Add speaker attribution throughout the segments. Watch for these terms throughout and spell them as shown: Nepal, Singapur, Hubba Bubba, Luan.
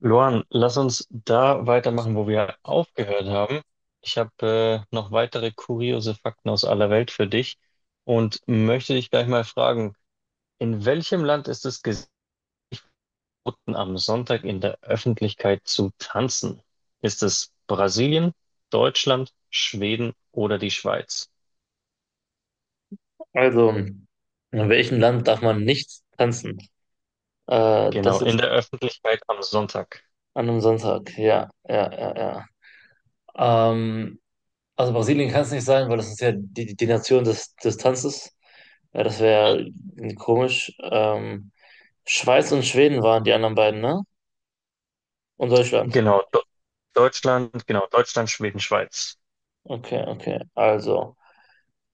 Speaker 1: Luan, lass uns da weitermachen, wo wir aufgehört haben. Ich habe noch weitere kuriose Fakten aus aller Welt für dich und möchte dich gleich mal fragen, in welchem Land ist es geboten, am Sonntag in der Öffentlichkeit zu tanzen? Ist es Brasilien, Deutschland, Schweden oder die Schweiz?
Speaker 2: Also, in welchem Land darf man nicht tanzen? Äh,
Speaker 1: Genau,
Speaker 2: das
Speaker 1: in
Speaker 2: ist
Speaker 1: der Öffentlichkeit am Sonntag.
Speaker 2: an einem Sonntag. Ja, ja, ja, ja. Also Brasilien kann es nicht sein, weil das ist ja die Nation des Tanzes. Ja, das
Speaker 1: Mhm.
Speaker 2: wäre komisch. Schweiz und Schweden waren die anderen beiden, ne? Und Deutschland.
Speaker 1: Genau, Do Deutschland, genau, Deutschland, Schweden, Schweiz.
Speaker 2: Okay, okay. Also.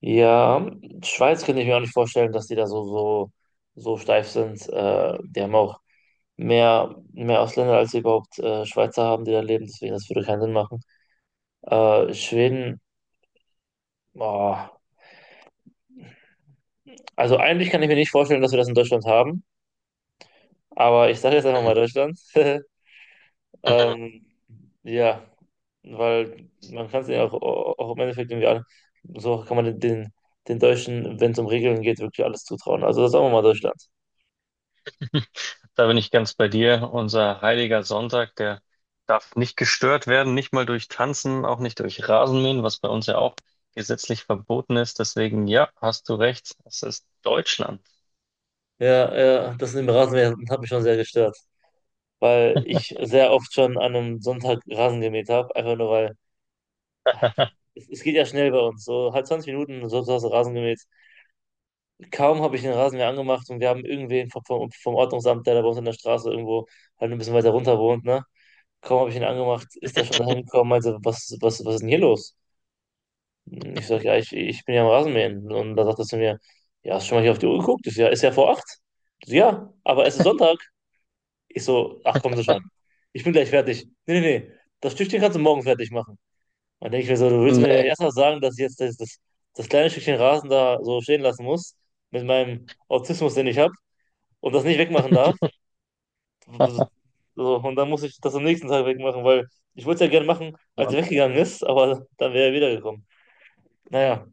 Speaker 2: Ja, Schweiz könnte ich mir auch nicht vorstellen, dass die da so steif sind. Die haben auch mehr Ausländer, als sie überhaupt Schweizer haben, die da leben. Deswegen, das würde keinen Sinn machen. Schweden, boah. Also eigentlich kann ich mir nicht vorstellen, dass wir das in Deutschland haben. Aber ich sage jetzt einfach
Speaker 1: Mhm.
Speaker 2: mal Deutschland.
Speaker 1: Mhm.
Speaker 2: Ähm, ja, weil man kann es ja auch, auch im Endeffekt irgendwie an. So kann man den Deutschen, wenn es um Regeln geht, wirklich alles zutrauen. Also sagen wir mal Deutschland.
Speaker 1: Da bin ich ganz bei dir. Unser heiliger Sonntag, der darf nicht gestört werden, nicht mal durch Tanzen, auch nicht durch Rasenmähen, was bei uns ja auch gesetzlich verboten ist. Deswegen, ja, hast du recht, es ist Deutschland.
Speaker 2: Ja, ja, das mit dem Rasenmähen hat mich schon sehr gestört, weil ich sehr oft schon an einem Sonntag Rasen gemäht habe, einfach nur weil es geht ja schnell bei uns, so halb 20 Minuten, so so hast du Rasen gemäht. Kaum habe ich den Rasenmäher angemacht und wir haben irgendwen vom Ordnungsamt, der da bei uns in der Straße irgendwo halt ein bisschen weiter runter wohnt, ne? Kaum habe ich ihn angemacht, ist er schon dahin gekommen, meinte, was ist denn hier los? Ich sag, ja, ich bin ja am Rasenmähen. Und da sagt er zu mir, ja, hast du schon mal hier auf die Uhr geguckt? Ich so, ja, ist ja vor acht. Ich so, ja, aber es ist Sonntag. Ich so, ach, kommen Sie schon. Ich bin gleich fertig. Nee, nee, nee. Das Stückchen kannst du morgen fertig machen. Und denke ich mir so, du willst mir nicht
Speaker 1: Nee.
Speaker 2: erst mal sagen, dass ich jetzt das kleine Stückchen Rasen da so stehen lassen muss, mit meinem Autismus, den ich habe, und das nicht wegmachen darf. So, und dann muss ich das am nächsten Tag wegmachen, weil ich wollte es ja gerne machen, als er weggegangen ist, aber dann wäre er wiedergekommen. Naja,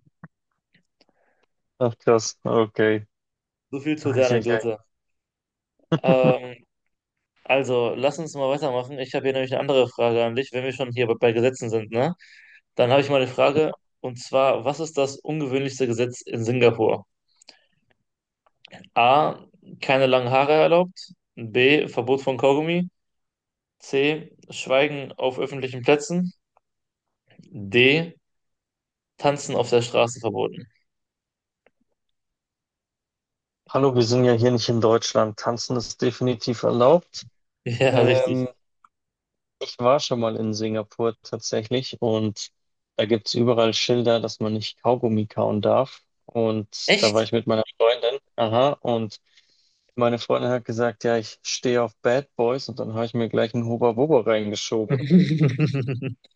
Speaker 1: Ach, krass, okay.
Speaker 2: so viel zu der
Speaker 1: Eieiei.
Speaker 2: Anekdote. Ähm, Also, lass uns mal weitermachen. Ich habe hier nämlich eine andere Frage an dich, wenn wir schon hier bei bei Gesetzen sind, ne? Dann habe ich mal eine Frage, und zwar, was ist das ungewöhnlichste Gesetz in Singapur? A, keine langen Haare erlaubt. B, Verbot von Kaugummi. C, Schweigen auf öffentlichen Plätzen. D, Tanzen auf der Straße verboten.
Speaker 1: Hallo, wir sind ja hier nicht in Deutschland. Tanzen ist definitiv erlaubt.
Speaker 2: Ja, richtig.
Speaker 1: Ähm, Ich war schon mal in Singapur tatsächlich, und da gibt es überall Schilder, dass man nicht Kaugummi kauen darf. Und da war
Speaker 2: Echt?
Speaker 1: ich mit meiner Freundin. Aha, und meine Freundin hat gesagt, ja, ich stehe auf Bad Boys, und dann habe ich mir gleich einen Hubba Bubba reingeschoben.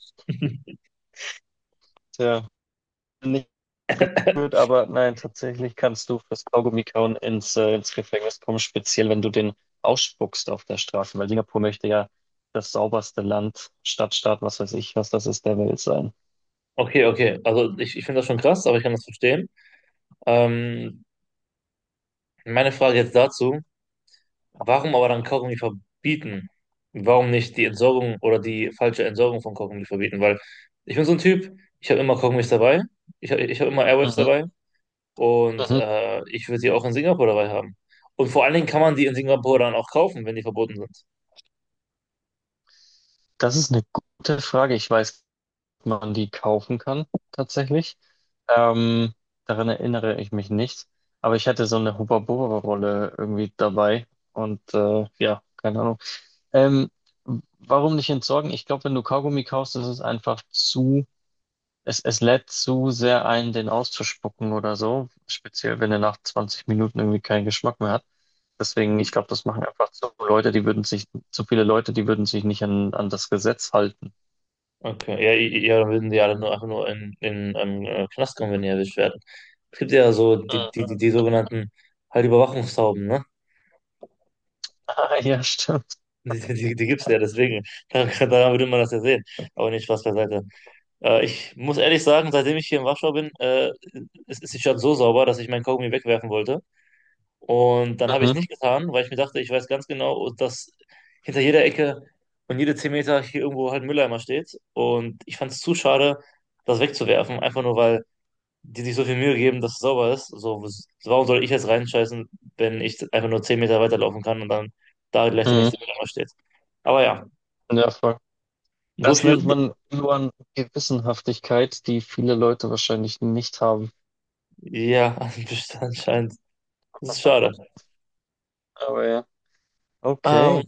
Speaker 1: Tja, nicht gut, aber nein, tatsächlich kannst du fürs Kaugummi kauen ins, ins Gefängnis kommen, speziell wenn du den ausspuckst auf der Straße, weil Singapur möchte ja das sauberste Land, Stadtstaat, was weiß ich, was das ist, der Welt sein.
Speaker 2: Okay, okay. Also ich finde das schon krass, aber ich kann das verstehen. Ähm, meine Frage jetzt dazu. Warum aber dann Kaugummi verbieten? Warum nicht die Entsorgung oder die falsche Entsorgung von Kaugummi verbieten? Weil ich bin so ein Typ, ich habe immer Kaugummis dabei, ich hab immer Airwaves
Speaker 1: Mhm.
Speaker 2: dabei und
Speaker 1: Mhm.
Speaker 2: ich würde die auch in Singapur dabei haben. Und vor allen Dingen kann man die in Singapur dann auch kaufen, wenn die verboten sind.
Speaker 1: Das ist eine gute Frage. Ich weiß, ob man die kaufen kann, tatsächlich. Ähm, daran erinnere ich mich nicht. Aber ich hatte so eine Hubba-Bubba-Rolle irgendwie dabei. Ja, keine Ahnung. Ähm, warum nicht entsorgen? Ich glaube, wenn du Kaugummi kaufst, ist es einfach zu, es lädt zu sehr ein, den auszuspucken oder so. Speziell, wenn er nach 20 Minuten irgendwie keinen Geschmack mehr hat. Deswegen, ich
Speaker 2: Je-
Speaker 1: glaube, das machen einfach zu Leute, die würden sich, zu viele Leute, die würden sich nicht an das Gesetz halten.
Speaker 2: Okay, ja, ja, dann würden die alle nur einfach nur in, in Knast kommen, wenn die erwischt werden. Es gibt ja so
Speaker 1: Mhm.
Speaker 2: die sogenannten halt Überwachungstauben, ne?
Speaker 1: Ah, ja, stimmt.
Speaker 2: Die gibt es ja, deswegen. Daran würde man das ja sehen. Aber nicht Spaß beiseite. Ich muss ehrlich sagen, seitdem ich hier in Warschau bin, ist die Stadt so sauber, dass ich meinen Kaugummi wegwerfen wollte. Und dann habe ich es
Speaker 1: Mhm.
Speaker 2: nicht getan, weil ich mir dachte, ich weiß ganz genau, dass hinter jeder Ecke und jede 10 Meter hier irgendwo halt ein Mülleimer steht. Und ich fand es zu schade, das wegzuwerfen, einfach nur weil die sich so viel Mühe geben, dass es sauber ist. So, warum soll ich jetzt reinscheißen, wenn ich einfach nur 10 Meter weiterlaufen kann und dann da gleich der
Speaker 1: Mhm.
Speaker 2: nächste Mülleimer steht? Aber ja,
Speaker 1: Ja, voll.
Speaker 2: so
Speaker 1: Das
Speaker 2: viel.
Speaker 1: nennt man Luan Gewissenhaftigkeit, die viele Leute wahrscheinlich nicht haben.
Speaker 2: Ja, anscheinend. Das ist schade.
Speaker 1: Aber ja.
Speaker 2: Ähm,
Speaker 1: Okay.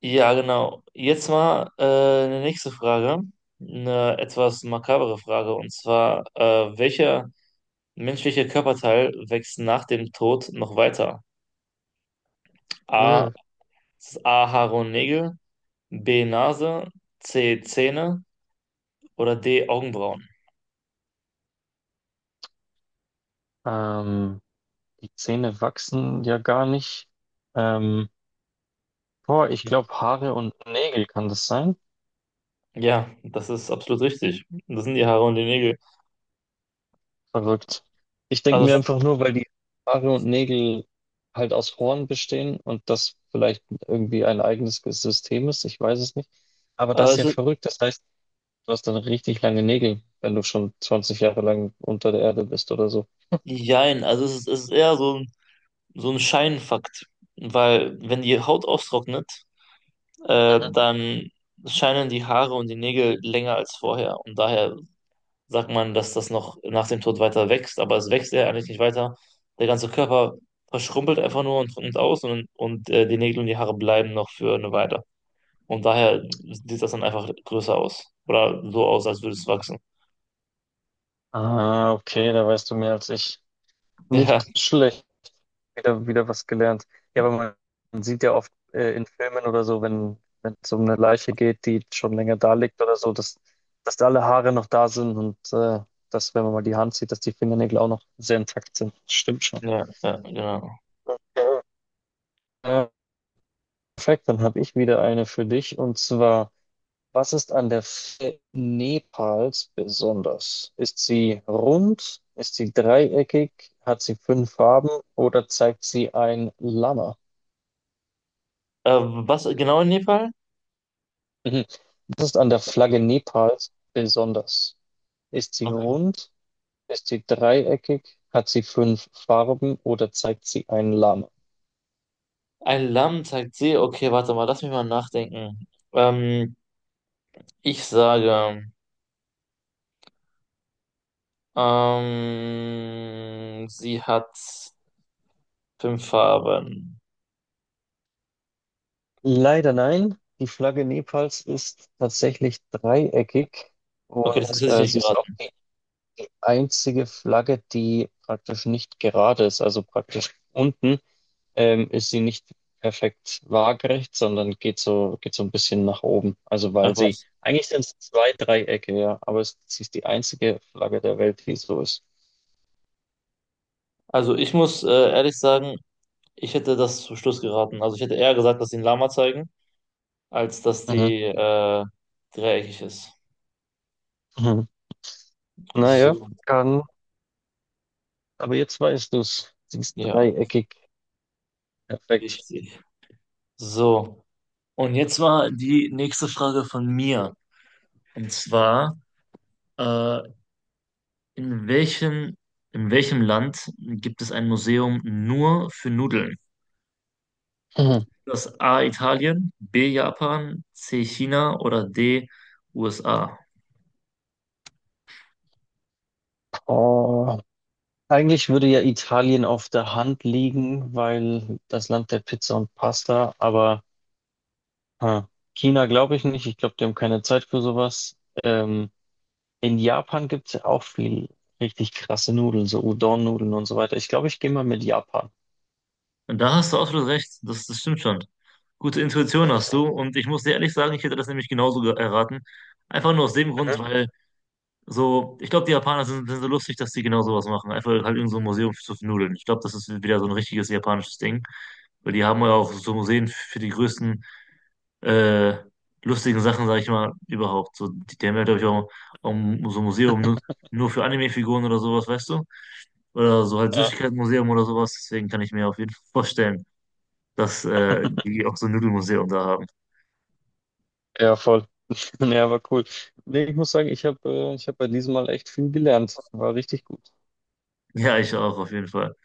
Speaker 2: Ja, genau. Jetzt mal eine nächste Frage. Eine etwas makabere Frage. Und zwar, welcher menschliche Körperteil wächst nach dem Tod noch weiter? A.
Speaker 1: Äh.
Speaker 2: Haare und Nägel. B. Nase. C. Zähne. Oder D. Augenbrauen.
Speaker 1: Ähm, die Zähne wachsen ja gar nicht. Ähm, boah, ich glaube Haare und Nägel kann das sein.
Speaker 2: Ja, das ist absolut richtig. Das sind die Haare und die Nägel.
Speaker 1: Verrückt. Ich denke mir
Speaker 2: Also,
Speaker 1: einfach nur, weil die Haare und Nägel halt aus Horn bestehen und das vielleicht irgendwie ein eigenes System ist. Ich weiß es nicht. Aber
Speaker 2: äh,
Speaker 1: das ist
Speaker 2: es
Speaker 1: ja
Speaker 2: ist,
Speaker 1: verrückt. Das heißt, du hast dann richtig lange Nägel, wenn du schon 20 Jahre lang unter der Erde bist oder so.
Speaker 2: jein, also es ist eher so so ein Scheinfakt. Weil, wenn die Haut austrocknet,
Speaker 1: Mhm.
Speaker 2: dann scheinen die Haare und die Nägel länger als vorher. Und daher sagt man, dass das noch nach dem Tod weiter wächst, aber es wächst ja eigentlich nicht weiter. Der ganze Körper verschrumpelt einfach nur und trocknet aus und, und die Nägel und die Haare bleiben noch für eine Weile. Und daher sieht das dann einfach größer aus. Oder so aus, als würde es wachsen.
Speaker 1: Ah, okay, da weißt du mehr als ich. Nicht schlecht. Wieder was gelernt. Ja, aber man sieht ja oft in Filmen oder so, wenn, wenn es um eine Leiche geht, die schon länger da liegt oder so, dass, dass alle Haare noch da sind dass, wenn man mal die Hand sieht, dass die Fingernägel auch noch sehr intakt sind. Stimmt schon.
Speaker 2: Ja, ja, ja, genau.
Speaker 1: Ja. Äh, perfekt, dann habe ich wieder eine für dich und zwar. Was ist an der Flagge Nepals besonders? Ist sie rund? Ist sie dreieckig? Hat sie fünf Farben oder zeigt sie ein Lama?
Speaker 2: Was genau in Nepal?
Speaker 1: Mhm. Was ist an der Flagge Nepals besonders? Ist sie
Speaker 2: Okay.
Speaker 1: rund? Ist sie dreieckig? Hat sie fünf Farben oder zeigt sie ein Lama?
Speaker 2: Ein Lamm zeigt See. Okay, warte mal, lass mich mal nachdenken. Ähm, ich sage. Sie hat fünf Farben.
Speaker 1: Leider nein. Die Flagge Nepals ist tatsächlich dreieckig,
Speaker 2: Okay,
Speaker 1: und
Speaker 2: das hätte ich nicht
Speaker 1: sie ist auch
Speaker 2: geraten.
Speaker 1: die einzige Flagge, die praktisch nicht gerade ist. Also praktisch unten ist sie nicht perfekt waagerecht, sondern geht so ein bisschen nach oben. Also
Speaker 2: Ach
Speaker 1: weil sie,
Speaker 2: was.
Speaker 1: eigentlich sind es zwei Dreiecke, ja, aber es, sie ist die einzige Flagge der Welt, die so ist.
Speaker 2: Also ich muss ehrlich sagen, ich hätte das zum Schluss geraten. Also ich hätte eher gesagt, dass sie ein Lama zeigen, als dass
Speaker 1: Mhm.
Speaker 2: die dreieckig ist.
Speaker 1: Mhm. Naja,
Speaker 2: So,
Speaker 1: kann. Aber jetzt weißt du es. Sie ist
Speaker 2: ja,
Speaker 1: dreieckig. Perfekt.
Speaker 2: richtig. So, und jetzt war die nächste Frage von mir. Und zwar, äh, in welchem, in welchem Land gibt es ein Museum nur für Nudeln?
Speaker 1: Mhm.
Speaker 2: Das A Italien, B Japan, C China oder D USA.
Speaker 1: Oh. Eigentlich würde ja Italien auf der Hand liegen, weil das Land der Pizza und Pasta, aber Ah. China glaube ich nicht. Ich glaube, die haben keine Zeit für sowas. Ähm, in Japan gibt es ja auch viel richtig krasse Nudeln, so Udon-Nudeln und so weiter. Ich glaube, ich gehe mal mit Japan.
Speaker 2: Und da hast du absolut recht, das stimmt schon. Gute Intuition hast du und ich muss dir ehrlich sagen, ich hätte das nämlich genauso erraten. Einfach nur aus dem
Speaker 1: Mhm.
Speaker 2: Grund, weil so, ich glaube, die Japaner sind so lustig, dass die genau sowas machen. Einfach halt irgend so ein Museum zu Nudeln. Ich glaube, das ist wieder so ein richtiges japanisches Ding, weil die haben ja auch so Museen für die größten äh, lustigen Sachen, sage ich mal, überhaupt. So, die haben ja, glaube ich, auch so ein Museum nur für Anime-Figuren oder sowas, weißt du? Oder so halt
Speaker 1: Ja,
Speaker 2: Süßigkeitenmuseum oder sowas. Deswegen kann ich mir auf jeden Fall vorstellen, dass die auch so ein Nudelmuseum da haben.
Speaker 1: ja, voll. Ja, war cool. Nee, ich muss sagen, ich habe ich hab bei diesem Mal echt viel gelernt. War richtig gut.
Speaker 2: Ja, ich auch, auf jeden Fall.